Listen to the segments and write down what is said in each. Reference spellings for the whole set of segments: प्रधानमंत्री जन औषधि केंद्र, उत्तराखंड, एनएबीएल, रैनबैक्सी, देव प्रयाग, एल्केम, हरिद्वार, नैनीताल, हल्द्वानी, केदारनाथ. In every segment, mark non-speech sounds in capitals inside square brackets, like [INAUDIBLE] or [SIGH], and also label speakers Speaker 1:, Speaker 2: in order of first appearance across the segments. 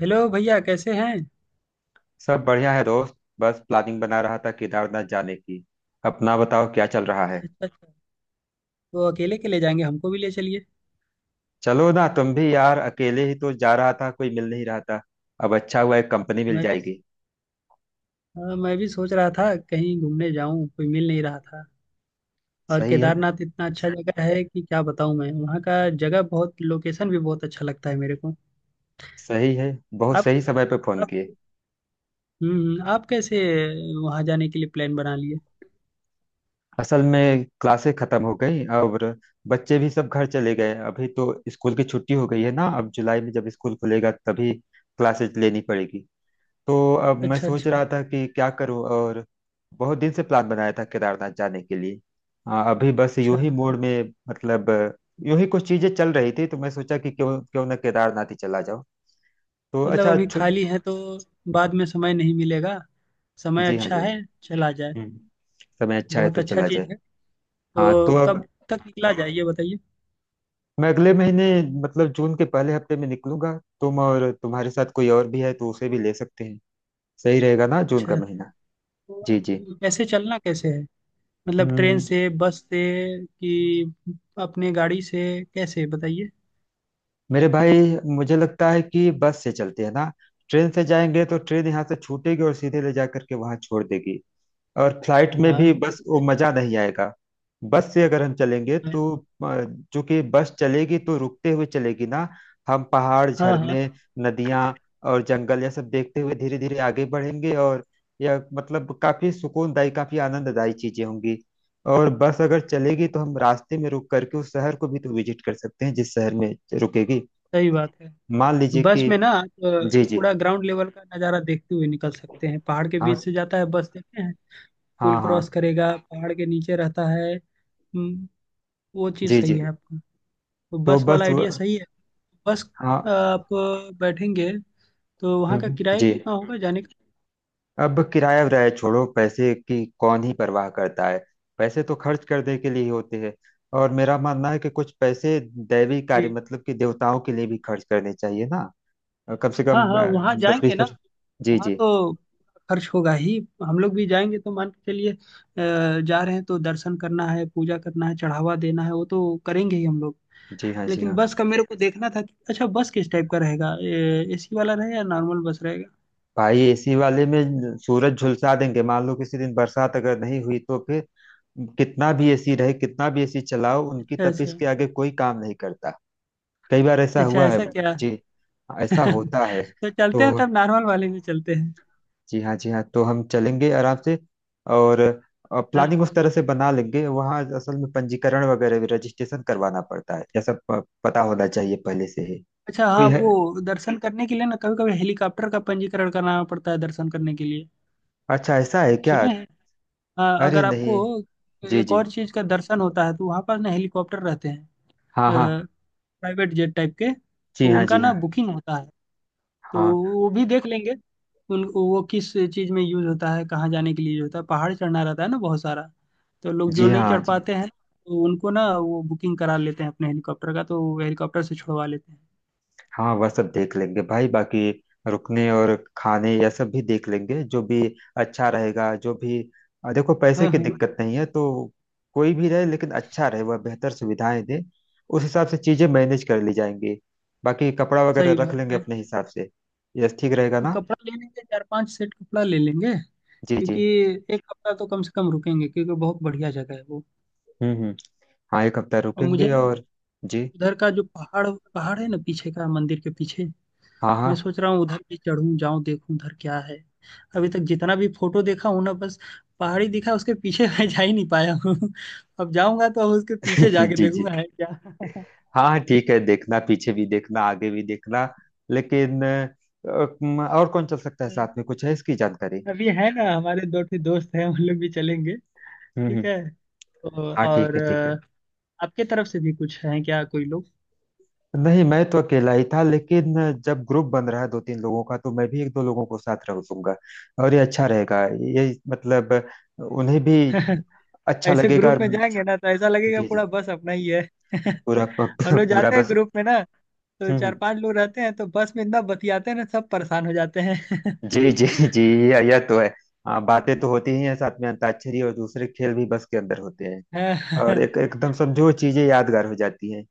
Speaker 1: Hello भैया, कैसे हैं।
Speaker 2: सब बढ़िया है दोस्त। बस प्लानिंग बना रहा था केदारनाथ जाने की। अपना बताओ क्या चल रहा है।
Speaker 1: अच्छा, अच्छा। तो अकेले के ले जाएंगे? हमको भी ले चलिए।
Speaker 2: चलो ना तुम भी यार, अकेले ही तो जा रहा था, कोई मिल नहीं रहा था। अब अच्छा हुआ, एक कंपनी मिल
Speaker 1: मैं भी।
Speaker 2: जाएगी।
Speaker 1: हाँ, मैं भी सोच रहा था कहीं घूमने जाऊं, कोई मिल नहीं रहा था। और
Speaker 2: सही है।
Speaker 1: केदारनाथ इतना अच्छा जगह है कि क्या बताऊं। मैं, वहाँ का जगह बहुत, लोकेशन भी बहुत अच्छा लगता है मेरे को।
Speaker 2: सही है। बहुत
Speaker 1: आप
Speaker 2: सही समय पे फोन
Speaker 1: आप
Speaker 2: किए।
Speaker 1: हम्म, हम्म। आप कैसे वहाँ जाने के लिए प्लान बना लिए?
Speaker 2: असल में क्लासें खत्म हो गई और बच्चे भी सब घर चले गए। अभी तो स्कूल की छुट्टी हो गई है ना। अब जुलाई में जब स्कूल खुलेगा तभी क्लासेज लेनी पड़ेगी। तो अब मैं
Speaker 1: अच्छा,
Speaker 2: सोच
Speaker 1: अच्छा,
Speaker 2: रहा था कि क्या करूं और बहुत दिन से प्लान बनाया था केदारनाथ जाने के लिए। हाँ, अभी बस यूं ही
Speaker 1: अच्छा।
Speaker 2: मूड में, मतलब यूं ही कुछ चीजें चल रही थी तो मैं सोचा कि क्यों क्यों ना केदारनाथ ही चला जाओ। तो
Speaker 1: मतलब
Speaker 2: अच्छा
Speaker 1: अभी खाली है तो बाद में समय नहीं मिलेगा। समय
Speaker 2: जी हाँ,
Speaker 1: अच्छा
Speaker 2: जी हाँ।
Speaker 1: है। चला जाए।
Speaker 2: हम्म, समय अच्छा है
Speaker 1: बहुत
Speaker 2: तो
Speaker 1: अच्छा
Speaker 2: चला जाए।
Speaker 1: चीज़ है।
Speaker 2: हाँ तो
Speaker 1: तो
Speaker 2: अब
Speaker 1: कब तक निकला जाए ये बताइए।
Speaker 2: मैं अगले महीने, मतलब जून के पहले हफ्ते में निकलूंगा। तुम और तुम्हारे साथ कोई और भी है तो उसे भी ले सकते हैं। सही रहेगा ना जून का
Speaker 1: अच्छा।
Speaker 2: महीना। जी जी।
Speaker 1: कैसे चलना कैसे है? मतलब ट्रेन
Speaker 2: हम्म।
Speaker 1: से, बस से, कि अपने गाड़ी से, कैसे बताइए।
Speaker 2: मेरे भाई, मुझे लगता है कि बस से चलते हैं ना। ट्रेन से जाएंगे तो ट्रेन यहाँ से छूटेगी और सीधे ले जा करके वहां छोड़ देगी। और फ्लाइट में
Speaker 1: हाँ
Speaker 2: भी बस वो
Speaker 1: ठीक
Speaker 2: मजा नहीं आएगा। बस से अगर हम चलेंगे
Speaker 1: है।
Speaker 2: तो अ, चूंकि बस चलेगी तो रुकते हुए चलेगी ना। हम पहाड़,
Speaker 1: हाँ,
Speaker 2: झरने,
Speaker 1: हाँ,
Speaker 2: नदियां और जंगल यह सब देखते हुए धीरे धीरे आगे बढ़ेंगे। और यह मतलब काफी सुकूनदायी, काफी आनंददायी चीजें होंगी। और बस अगर चलेगी तो हम रास्ते में रुक करके उस शहर को भी तो विजिट कर सकते हैं, जिस शहर में रुकेगी।
Speaker 1: सही बात है।
Speaker 2: मान लीजिए
Speaker 1: बस
Speaker 2: कि
Speaker 1: में ना, आप
Speaker 2: जी जी।
Speaker 1: पूरा ग्राउंड लेवल का नज़ारा देखते हुए निकल सकते हैं। पहाड़ के बीच
Speaker 2: हाँ
Speaker 1: से जाता है बस, देखते हैं। पुल
Speaker 2: हाँ। हाँ
Speaker 1: क्रॉस करेगा, पहाड़ के नीचे रहता है। हम्म, वो चीज़
Speaker 2: जी
Speaker 1: सही
Speaker 2: जी।
Speaker 1: है आपका। तो
Speaker 2: तो
Speaker 1: बस वाला
Speaker 2: बस
Speaker 1: आइडिया सही है। बस
Speaker 2: हाँ।
Speaker 1: आप बैठेंगे। तो वहाँ का किराया
Speaker 2: जी।
Speaker 1: कितना होगा जाने का?
Speaker 2: अब किराया विराया छोड़ो, पैसे की कौन ही परवाह करता है। पैसे तो खर्च करने के लिए ही होते हैं। और मेरा मानना है कि कुछ पैसे दैवी कार्य,
Speaker 1: जी।
Speaker 2: मतलब कि देवताओं के लिए भी खर्च करने चाहिए ना। कम से
Speaker 1: हाँ,
Speaker 2: कम
Speaker 1: हाँ, वहाँ
Speaker 2: दस बीस
Speaker 1: जाएंगे ना।
Speaker 2: परसेंट जी
Speaker 1: वहाँ
Speaker 2: जी।
Speaker 1: तो खर्च होगा ही। हम लोग भी जाएंगे तो मान के चलिए जा रहे हैं तो दर्शन करना है, पूजा करना है, चढ़ावा देना है। वो तो करेंगे ही हम लोग।
Speaker 2: जी हाँ, जी
Speaker 1: लेकिन
Speaker 2: हाँ।
Speaker 1: बस का मेरे को देखना था कि अच्छा बस किस टाइप का रहेगा। एसी वाला रहेगा या नॉर्मल बस रहेगा?
Speaker 2: भाई, एसी वाले में सूरज झुलसा देंगे। मान लो किसी दिन बरसात अगर नहीं हुई तो फिर कितना भी एसी रहे, कितना भी एसी चलाओ, उनकी
Speaker 1: अच्छा,
Speaker 2: तपिश
Speaker 1: ऐसे?
Speaker 2: के आगे कोई काम नहीं करता। कई बार ऐसा
Speaker 1: अच्छा,
Speaker 2: हुआ है।
Speaker 1: ऐसा क्या।
Speaker 2: जी।
Speaker 1: [LAUGHS]
Speaker 2: ऐसा होता है।
Speaker 1: तो चलते
Speaker 2: तो
Speaker 1: हैं, तब नॉर्मल वाले में चलते हैं।
Speaker 2: जी हाँ, जी हाँ, तो हम चलेंगे आराम से। और
Speaker 1: हाँ।
Speaker 2: प्लानिंग उस तरह से बना लेंगे। वहाँ असल में पंजीकरण वगैरह भी, रजिस्ट्रेशन करवाना पड़ता है, यह सब पता होना चाहिए पहले से ही।
Speaker 1: अच्छा,
Speaker 2: कोई
Speaker 1: हाँ,
Speaker 2: है।
Speaker 1: वो दर्शन करने के लिए ना, कभी कभी हेलीकॉप्टर का पंजीकरण कराना पड़ता है दर्शन करने के लिए।
Speaker 2: अच्छा ऐसा है क्या।
Speaker 1: सुने हैं।
Speaker 2: अरे
Speaker 1: अगर
Speaker 2: नहीं।
Speaker 1: आपको
Speaker 2: जी
Speaker 1: एक
Speaker 2: जी।
Speaker 1: और चीज का दर्शन होता है तो वहाँ पर ना हेलीकॉप्टर रहते हैं।
Speaker 2: हाँ हाँ।
Speaker 1: प्राइवेट जेट टाइप के,
Speaker 2: जी
Speaker 1: तो
Speaker 2: हाँ,
Speaker 1: उनका
Speaker 2: जी हाँ।
Speaker 1: ना बुकिंग होता है। तो
Speaker 2: हाँ।
Speaker 1: वो भी देख लेंगे। उन, वो किस चीज में यूज होता है, कहाँ जाने के लिए यूज होता है। पहाड़ चढ़ना रहता है ना बहुत सारा। तो लोग जो
Speaker 2: जी
Speaker 1: नहीं
Speaker 2: हाँ,
Speaker 1: चढ़
Speaker 2: जी
Speaker 1: पाते हैं तो उनको ना वो बुकिंग करा लेते हैं अपने हेलीकॉप्टर का, तो वो हेलीकॉप्टर से छुड़वा लेते हैं।
Speaker 2: हाँ। वह सब देख लेंगे भाई। बाकी रुकने और खाने यह सब भी देख लेंगे, जो भी अच्छा रहेगा जो भी। देखो पैसे
Speaker 1: हाँ,
Speaker 2: की
Speaker 1: हाँ,
Speaker 2: दिक्कत नहीं है, तो कोई भी रहे लेकिन अच्छा रहे, वह बेहतर सुविधाएं दे। उस हिसाब से चीजें मैनेज कर ली जाएंगी। बाकी कपड़ा वगैरह
Speaker 1: सही
Speaker 2: रख
Speaker 1: बात
Speaker 2: लेंगे
Speaker 1: है।
Speaker 2: अपने हिसाब से। यह ठीक रहेगा ना।
Speaker 1: कपड़ा ले लेंगे, चार पांच सेट कपड़ा ले लेंगे,
Speaker 2: जी जी।
Speaker 1: क्योंकि एक हफ्ता तो कम से कम रुकेंगे, क्योंकि बहुत बढ़िया जगह है वो।
Speaker 2: हम्म। हाँ, एक हफ्ता
Speaker 1: और मुझे
Speaker 2: रुकेंगे
Speaker 1: ना,
Speaker 2: और जी
Speaker 1: उधर का जो पहाड़, पहाड़ है ना पीछे का, मंदिर के पीछे।
Speaker 2: हाँ,
Speaker 1: मैं
Speaker 2: हाँ।
Speaker 1: सोच रहा हूँ उधर भी चढ़ूं, जाऊं, देखूं उधर क्या है। अभी तक जितना भी फोटो देखा हूं ना, बस पहाड़ी दिखा, उसके पीछे मैं जा ही नहीं पाया हूँ। [LAUGHS] अब जाऊंगा तो उसके पीछे
Speaker 2: [LAUGHS]
Speaker 1: जाके
Speaker 2: जी जी।
Speaker 1: देखूंगा है क्या।
Speaker 2: हाँ हाँ, ठीक है, देखना पीछे भी, देखना आगे भी देखना। लेकिन और कौन चल सकता है साथ में,
Speaker 1: [LAUGHS]
Speaker 2: कुछ है इसकी जानकारी।
Speaker 1: अभी है ना, हमारे दो ठे दोस्त हैं, उन लोग भी चलेंगे। ठीक
Speaker 2: हम्म।
Speaker 1: है। तो
Speaker 2: हाँ ठीक
Speaker 1: और
Speaker 2: है, ठीक है।
Speaker 1: आपके तरफ से भी कुछ है क्या? कोई लोग?
Speaker 2: नहीं, मैं तो अकेला ही था लेकिन जब ग्रुप बन रहा है दो तीन लोगों का तो मैं भी एक दो लोगों को साथ रख दूंगा। और ये अच्छा रहेगा, ये मतलब उन्हें भी
Speaker 1: [LAUGHS]
Speaker 2: अच्छा
Speaker 1: ऐसे
Speaker 2: लगेगा।
Speaker 1: ग्रुप
Speaker 2: और
Speaker 1: में जाएंगे ना तो ऐसा लगेगा
Speaker 2: जी
Speaker 1: पूरा
Speaker 2: जी।
Speaker 1: बस अपना ही है। [LAUGHS]
Speaker 2: पूरा,
Speaker 1: हम लोग
Speaker 2: पूरा
Speaker 1: जाते हैं
Speaker 2: बस।
Speaker 1: ग्रुप में ना, तो
Speaker 2: हम्म
Speaker 1: चार
Speaker 2: हम्म।
Speaker 1: पांच लोग रहते हैं तो बस में इतना बतियाते हैं ना, सब परेशान हो जाते हैं। [LAUGHS]
Speaker 2: जी जी। जी। यह तो है। हाँ, बातें तो होती ही हैं साथ में। अंताक्षरी और दूसरे खेल भी बस के अंदर होते हैं। और
Speaker 1: हाँ।
Speaker 2: एक एकदम सब जो चीजें यादगार हो जाती हैं।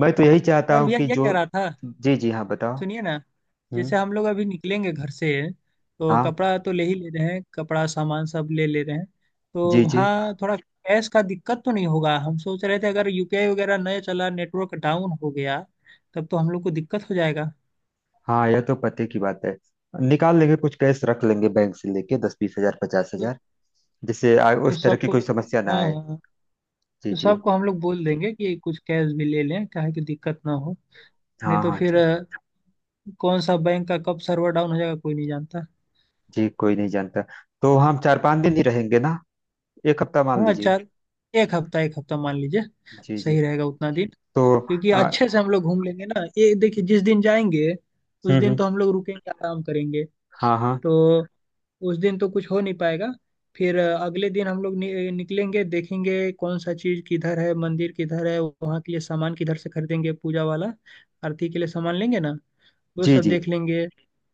Speaker 2: मैं तो यही चाहता
Speaker 1: और
Speaker 2: हूँ
Speaker 1: भैया,
Speaker 2: कि
Speaker 1: ये
Speaker 2: जो
Speaker 1: कह रहा था,
Speaker 2: जी जी, हाँ बताओ।
Speaker 1: सुनिए ना।
Speaker 2: हम्म।
Speaker 1: जैसे हम लोग अभी निकलेंगे घर से, तो
Speaker 2: हाँ
Speaker 1: कपड़ा तो ले ही ले रहे हैं, कपड़ा सामान सब ले ले रहे हैं। तो
Speaker 2: जी जी।
Speaker 1: वहाँ थोड़ा कैश का दिक्कत तो नहीं होगा, हम सोच रहे थे अगर यूपीआई वगैरह नहीं चला, नेटवर्क डाउन हो गया, तब तो हम लोग को दिक्कत हो जाएगा।
Speaker 2: हाँ यह तो पते की बात है। निकाल लेंगे कुछ कैश, रख लेंगे बैंक से लेके 10-20 हजार, पचास
Speaker 1: तो,
Speaker 2: हजार जिससे
Speaker 1: तो
Speaker 2: उस तरह की
Speaker 1: सबको
Speaker 2: कोई समस्या ना
Speaker 1: हाँ
Speaker 2: आए।
Speaker 1: हाँ, हाँ,
Speaker 2: जी
Speaker 1: तो
Speaker 2: जी।
Speaker 1: सबको हम लोग बोल देंगे कि कुछ कैश भी ले लें काहे कि दिक्कत ना हो। नहीं
Speaker 2: हाँ
Speaker 1: तो
Speaker 2: हाँ।
Speaker 1: फिर
Speaker 2: जी
Speaker 1: कौन सा बैंक का कब सर्वर डाउन हो जाएगा कोई नहीं जानता।
Speaker 2: जी। कोई नहीं जानता। तो हम 4-5 दिन ही रहेंगे ना। एक हफ्ता मान
Speaker 1: हाँ
Speaker 2: लीजिए।
Speaker 1: चार एक हफ्ता, एक हफ्ता मान लीजिए।
Speaker 2: जी जी।
Speaker 1: सही रहेगा उतना दिन।
Speaker 2: तो
Speaker 1: क्योंकि
Speaker 2: आ,
Speaker 1: अच्छे से हम लोग घूम लेंगे ना। ये देखिए, जिस दिन जाएंगे उस दिन
Speaker 2: हम्म।
Speaker 1: तो हम लोग रुकेंगे, आराम करेंगे।
Speaker 2: हाँ हाँ।
Speaker 1: तो उस दिन तो कुछ हो नहीं पाएगा। फिर अगले दिन हम लोग निकलेंगे, देखेंगे कौन सा चीज किधर है, मंदिर किधर है, वहाँ के लिए सामान किधर से खरीदेंगे पूजा वाला। आरती के लिए सामान लेंगे ना, वो
Speaker 2: जी
Speaker 1: सब
Speaker 2: जी।
Speaker 1: देख लेंगे।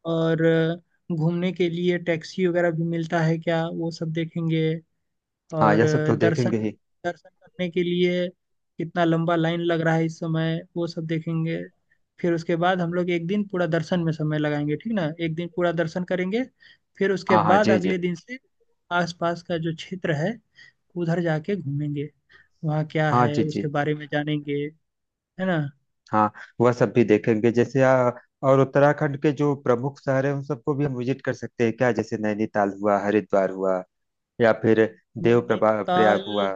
Speaker 1: और घूमने के लिए टैक्सी वगैरह भी मिलता है क्या, वो सब देखेंगे।
Speaker 2: हाँ,
Speaker 1: और
Speaker 2: यह सब तो
Speaker 1: दर्शन
Speaker 2: देखेंगे ही।
Speaker 1: दर्शन करने के लिए कितना लंबा लाइन लग रहा है इस समय, वो सब देखेंगे। फिर उसके बाद हम लोग एक दिन पूरा दर्शन में समय लगाएंगे, ठीक ना, एक दिन पूरा दर्शन करेंगे। फिर उसके
Speaker 2: हाँ हाँ,
Speaker 1: बाद
Speaker 2: जी जी।
Speaker 1: अगले दिन से आसपास का जो क्षेत्र है, उधर जाके घूमेंगे। वहाँ क्या
Speaker 2: हाँ
Speaker 1: है
Speaker 2: जी
Speaker 1: उसके
Speaker 2: जी।
Speaker 1: बारे में जानेंगे, है ना।
Speaker 2: हाँ, वह सब भी देखेंगे जैसे और उत्तराखंड के जो प्रमुख शहर हैं उन सबको भी हम विजिट कर सकते हैं क्या। जैसे नैनीताल हुआ, हरिद्वार हुआ, या फिर देव प्रभा
Speaker 1: नैनीताल।
Speaker 2: प्रयाग हुआ।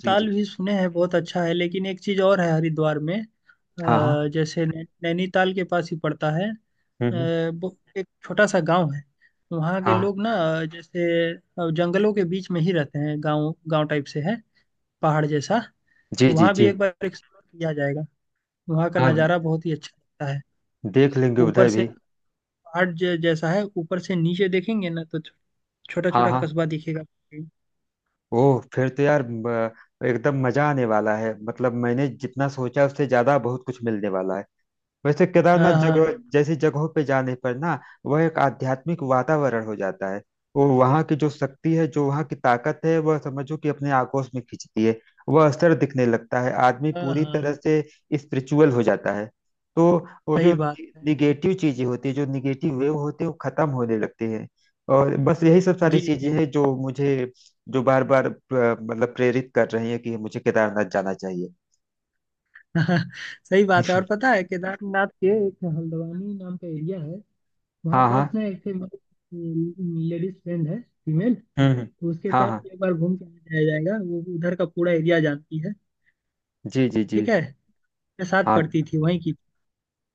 Speaker 2: जी जी।
Speaker 1: भी सुने हैं बहुत अच्छा है। लेकिन एक चीज और है हरिद्वार में,
Speaker 2: हाँ हाँ।
Speaker 1: जैसे नैनीताल के पास ही पड़ता है।
Speaker 2: हम्म हम्म,
Speaker 1: वो एक छोटा सा गांव है। वहाँ के
Speaker 2: हाँ
Speaker 1: लोग ना जैसे जंगलों के बीच में ही रहते हैं, गांव गांव टाइप से है, पहाड़ जैसा।
Speaker 2: जी
Speaker 1: तो
Speaker 2: जी
Speaker 1: वहाँ भी
Speaker 2: जी।
Speaker 1: एक बार एक्सप्लोर किया जाएगा। वहाँ का
Speaker 2: हाँ
Speaker 1: नज़ारा बहुत ही अच्छा लगता है।
Speaker 2: देख लेंगे
Speaker 1: ऊपर
Speaker 2: उधर
Speaker 1: से
Speaker 2: भी।
Speaker 1: ना, पहाड़ जैसा है, ऊपर से नीचे देखेंगे ना तो छोटा
Speaker 2: हाँ
Speaker 1: छोटा
Speaker 2: हाँ।
Speaker 1: कस्बा दिखेगा।
Speaker 2: ओह फिर तो यार, एकदम मजा आने वाला है, मतलब मैंने जितना सोचा उससे ज्यादा बहुत कुछ मिलने वाला है। वैसे
Speaker 1: हाँ,
Speaker 2: केदारनाथ
Speaker 1: हाँ,
Speaker 2: जगह जैसी जगहों पे जाने पर ना, वह एक आध्यात्मिक वातावरण हो जाता है। वो वहाँ की जो शक्ति है, जो वहाँ की ताकत है, वह समझो कि अपने आगोश में खींचती है। वह असर दिखने लगता है, आदमी
Speaker 1: हाँ,
Speaker 2: पूरी
Speaker 1: हाँ,
Speaker 2: तरह से स्पिरिचुअल हो जाता है। तो वो जो
Speaker 1: सही बात है।
Speaker 2: निगेटिव चीजें होती है, जो निगेटिव वेव होते हैं वो खत्म होने लगते हैं। और बस यही सब सारी
Speaker 1: जी,
Speaker 2: चीजें
Speaker 1: जी।
Speaker 2: हैं जो मुझे, जो बार बार, मतलब प्रेरित कर रही है कि मुझे केदारनाथ जाना चाहिए।
Speaker 1: [LAUGHS] हाँ, सही बात है। और पता है केदारनाथ के एक हल्द्वानी नाम का एरिया है, वहाँ
Speaker 2: हाँ हाँ।
Speaker 1: पास ना एक लेडीज फ्रेंड है, फीमेल।
Speaker 2: हम्म हम्म,
Speaker 1: तो उसके
Speaker 2: हाँ
Speaker 1: पास
Speaker 2: हाँ।
Speaker 1: एक बार घूम के आ जाया जाएगा, वो उधर का पूरा एरिया जानती है।
Speaker 2: जी जी जी।
Speaker 1: ठीक है। मेरे साथ
Speaker 2: हाँ
Speaker 1: पढ़ती थी, वहीं की।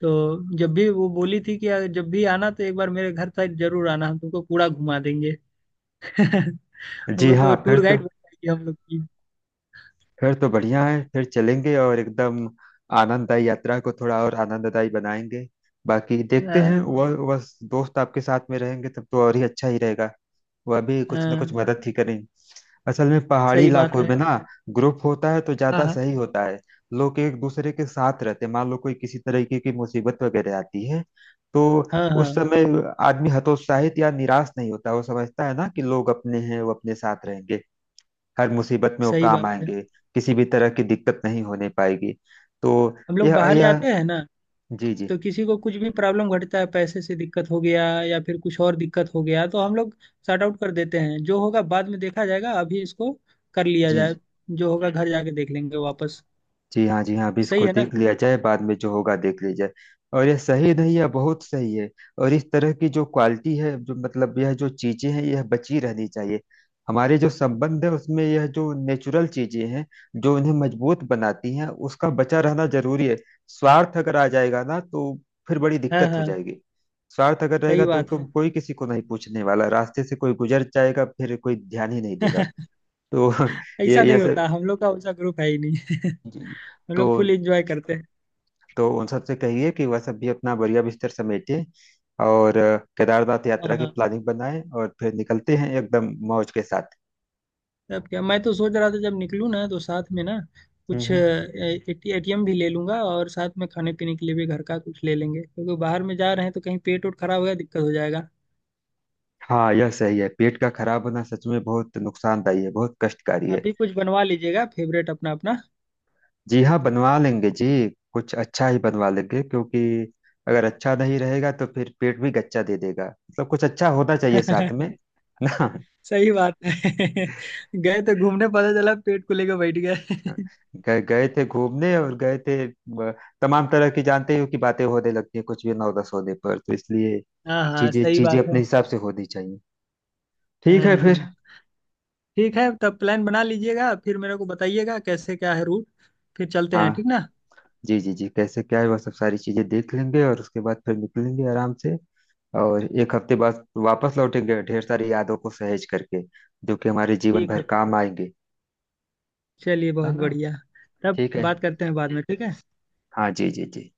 Speaker 1: तो जब भी वो बोली थी कि अगर जब भी आना तो एक बार मेरे घर तक जरूर आना, हम तुमको पूरा घुमा देंगे। [LAUGHS]
Speaker 2: जी
Speaker 1: वो तो
Speaker 2: हाँ, फिर
Speaker 1: टूर
Speaker 2: तो,
Speaker 1: गाइड बन जाएगी हम लोग की।
Speaker 2: फिर तो बढ़िया है, फिर चलेंगे और एकदम आनंददायी यात्रा को थोड़ा और आनंददायी बनाएंगे। बाकी देखते
Speaker 1: हाँ,
Speaker 2: हैं, वह दोस्त आपके साथ में रहेंगे तब तो और ही अच्छा ही रहेगा। वह भी कुछ ना कुछ
Speaker 1: हाँ,
Speaker 2: मदद ही करेंगे। असल में पहाड़ी
Speaker 1: सही बात
Speaker 2: इलाकों
Speaker 1: है।
Speaker 2: में ना, ग्रुप होता है तो
Speaker 1: हाँ,
Speaker 2: ज्यादा
Speaker 1: हाँ,
Speaker 2: सही होता है। लोग एक दूसरे के साथ रहते हैं। मान लो कोई किसी तरीके की मुसीबत वगैरह आती है तो
Speaker 1: हाँ,
Speaker 2: उस
Speaker 1: हाँ,
Speaker 2: समय आदमी हतोत्साहित या निराश नहीं होता। वो समझता है ना कि लोग अपने हैं, वो अपने साथ रहेंगे, हर मुसीबत में वो
Speaker 1: सही
Speaker 2: काम
Speaker 1: बात है।
Speaker 2: आएंगे। किसी भी तरह की दिक्कत नहीं होने पाएगी। तो
Speaker 1: हम लोग
Speaker 2: यह
Speaker 1: बाहर जाते
Speaker 2: यह
Speaker 1: हैं ना,
Speaker 2: जी जी।
Speaker 1: तो किसी को कुछ भी प्रॉब्लम घटता है, पैसे से दिक्कत हो गया या फिर कुछ और दिक्कत हो गया, तो हम लोग सॉर्ट आउट कर देते हैं। जो होगा बाद में देखा जाएगा, अभी इसको कर लिया
Speaker 2: जी
Speaker 1: जाए।
Speaker 2: जी।
Speaker 1: जो होगा घर जाके देख लेंगे वापस।
Speaker 2: जी हाँ, जी हाँ, अभी
Speaker 1: सही
Speaker 2: इसको
Speaker 1: है ना?
Speaker 2: देख लिया जाए, बाद में जो होगा देख लिया जाए। और यह सही नहीं है, बहुत सही है। और इस तरह की जो क्वालिटी है, जो मतलब यह जो चीजें हैं यह बची रहनी चाहिए। हमारे जो संबंध है उसमें यह जो नेचुरल चीजें हैं जो उन्हें मजबूत बनाती हैं, उसका बचा रहना जरूरी है। स्वार्थ अगर आ जाएगा ना तो फिर बड़ी
Speaker 1: हाँ,
Speaker 2: दिक्कत हो
Speaker 1: हाँ,
Speaker 2: जाएगी। स्वार्थ अगर रहेगा
Speaker 1: सही
Speaker 2: तो
Speaker 1: बात
Speaker 2: तुम
Speaker 1: है।
Speaker 2: कोई किसी को नहीं पूछने वाला, रास्ते से कोई गुजर जाएगा फिर कोई ध्यान ही नहीं देगा। तो [LAUGHS]
Speaker 1: ऐसा
Speaker 2: ये
Speaker 1: नहीं होता,
Speaker 2: सब।
Speaker 1: हम लोग का वैसा ग्रुप है ही नहीं।
Speaker 2: जी।
Speaker 1: [LAUGHS] हम
Speaker 2: तो
Speaker 1: लोग फुल एंजॉय करते हैं।
Speaker 2: तो उन सबसे कहिए कि वह सब भी अपना बढ़िया बिस्तर समेटे और केदारनाथ
Speaker 1: हाँ,
Speaker 2: यात्रा की
Speaker 1: हाँ।
Speaker 2: प्लानिंग बनाएं और फिर निकलते हैं एकदम मौज के साथ।
Speaker 1: तब क्या, मैं तो सोच रहा था जब निकलूँ ना तो साथ में ना
Speaker 2: हम्म
Speaker 1: कुछ
Speaker 2: हम्म।
Speaker 1: एटीएम भी ले लूंगा, और साथ में खाने पीने के लिए भी घर का कुछ ले लेंगे, क्योंकि बाहर में जा रहे हैं तो कहीं पेट वोट खराब हो गया दिक्कत हो जाएगा।
Speaker 2: हाँ यह सही है, पेट का खराब होना सच में बहुत नुकसानदायी है, बहुत कष्टकारी है।
Speaker 1: अभी कुछ बनवा लीजिएगा, फेवरेट अपना अपना।
Speaker 2: जी हाँ, बनवा लेंगे जी। कुछ अच्छा ही बनवा लेंगे क्योंकि अगर अच्छा नहीं रहेगा तो फिर पेट भी गच्चा दे देगा, मतलब कुछ अच्छा होना चाहिए साथ में
Speaker 1: [LAUGHS]
Speaker 2: ना।
Speaker 1: सही बात है। [LAUGHS] गए तो घूमने, पता चला पेट को लेकर बैठ गए। [LAUGHS]
Speaker 2: गए गए थे घूमने और गए थे तमाम तरह की, जानते ही हो कि बातें होने लगती है कुछ भी, नौ दस होने पर, तो इसलिए
Speaker 1: हाँ, हाँ,
Speaker 2: चीजें
Speaker 1: सही
Speaker 2: चीजें
Speaker 1: बात है।
Speaker 2: अपने हिसाब से होनी चाहिए।
Speaker 1: हाँ,
Speaker 2: ठीक है फिर।
Speaker 1: हाँ, ठीक है। तब प्लान बना लीजिएगा, फिर मेरे को बताइएगा कैसे क्या है रूट। फिर चलते हैं,
Speaker 2: हाँ
Speaker 1: ठीक ना?
Speaker 2: जी जी जी। कैसे क्या है वह सब सारी चीजें देख लेंगे और उसके बाद फिर निकलेंगे आराम से। और एक हफ्ते बाद वापस लौटेंगे ढेर सारी यादों को सहेज करके, जो कि हमारे जीवन
Speaker 1: ठीक
Speaker 2: भर
Speaker 1: है,
Speaker 2: काम आएंगे।
Speaker 1: चलिए,
Speaker 2: है
Speaker 1: बहुत
Speaker 2: ना।
Speaker 1: बढ़िया। तब
Speaker 2: ठीक है।
Speaker 1: बात करते हैं बाद में, ठीक है।
Speaker 2: हाँ जी जी जी।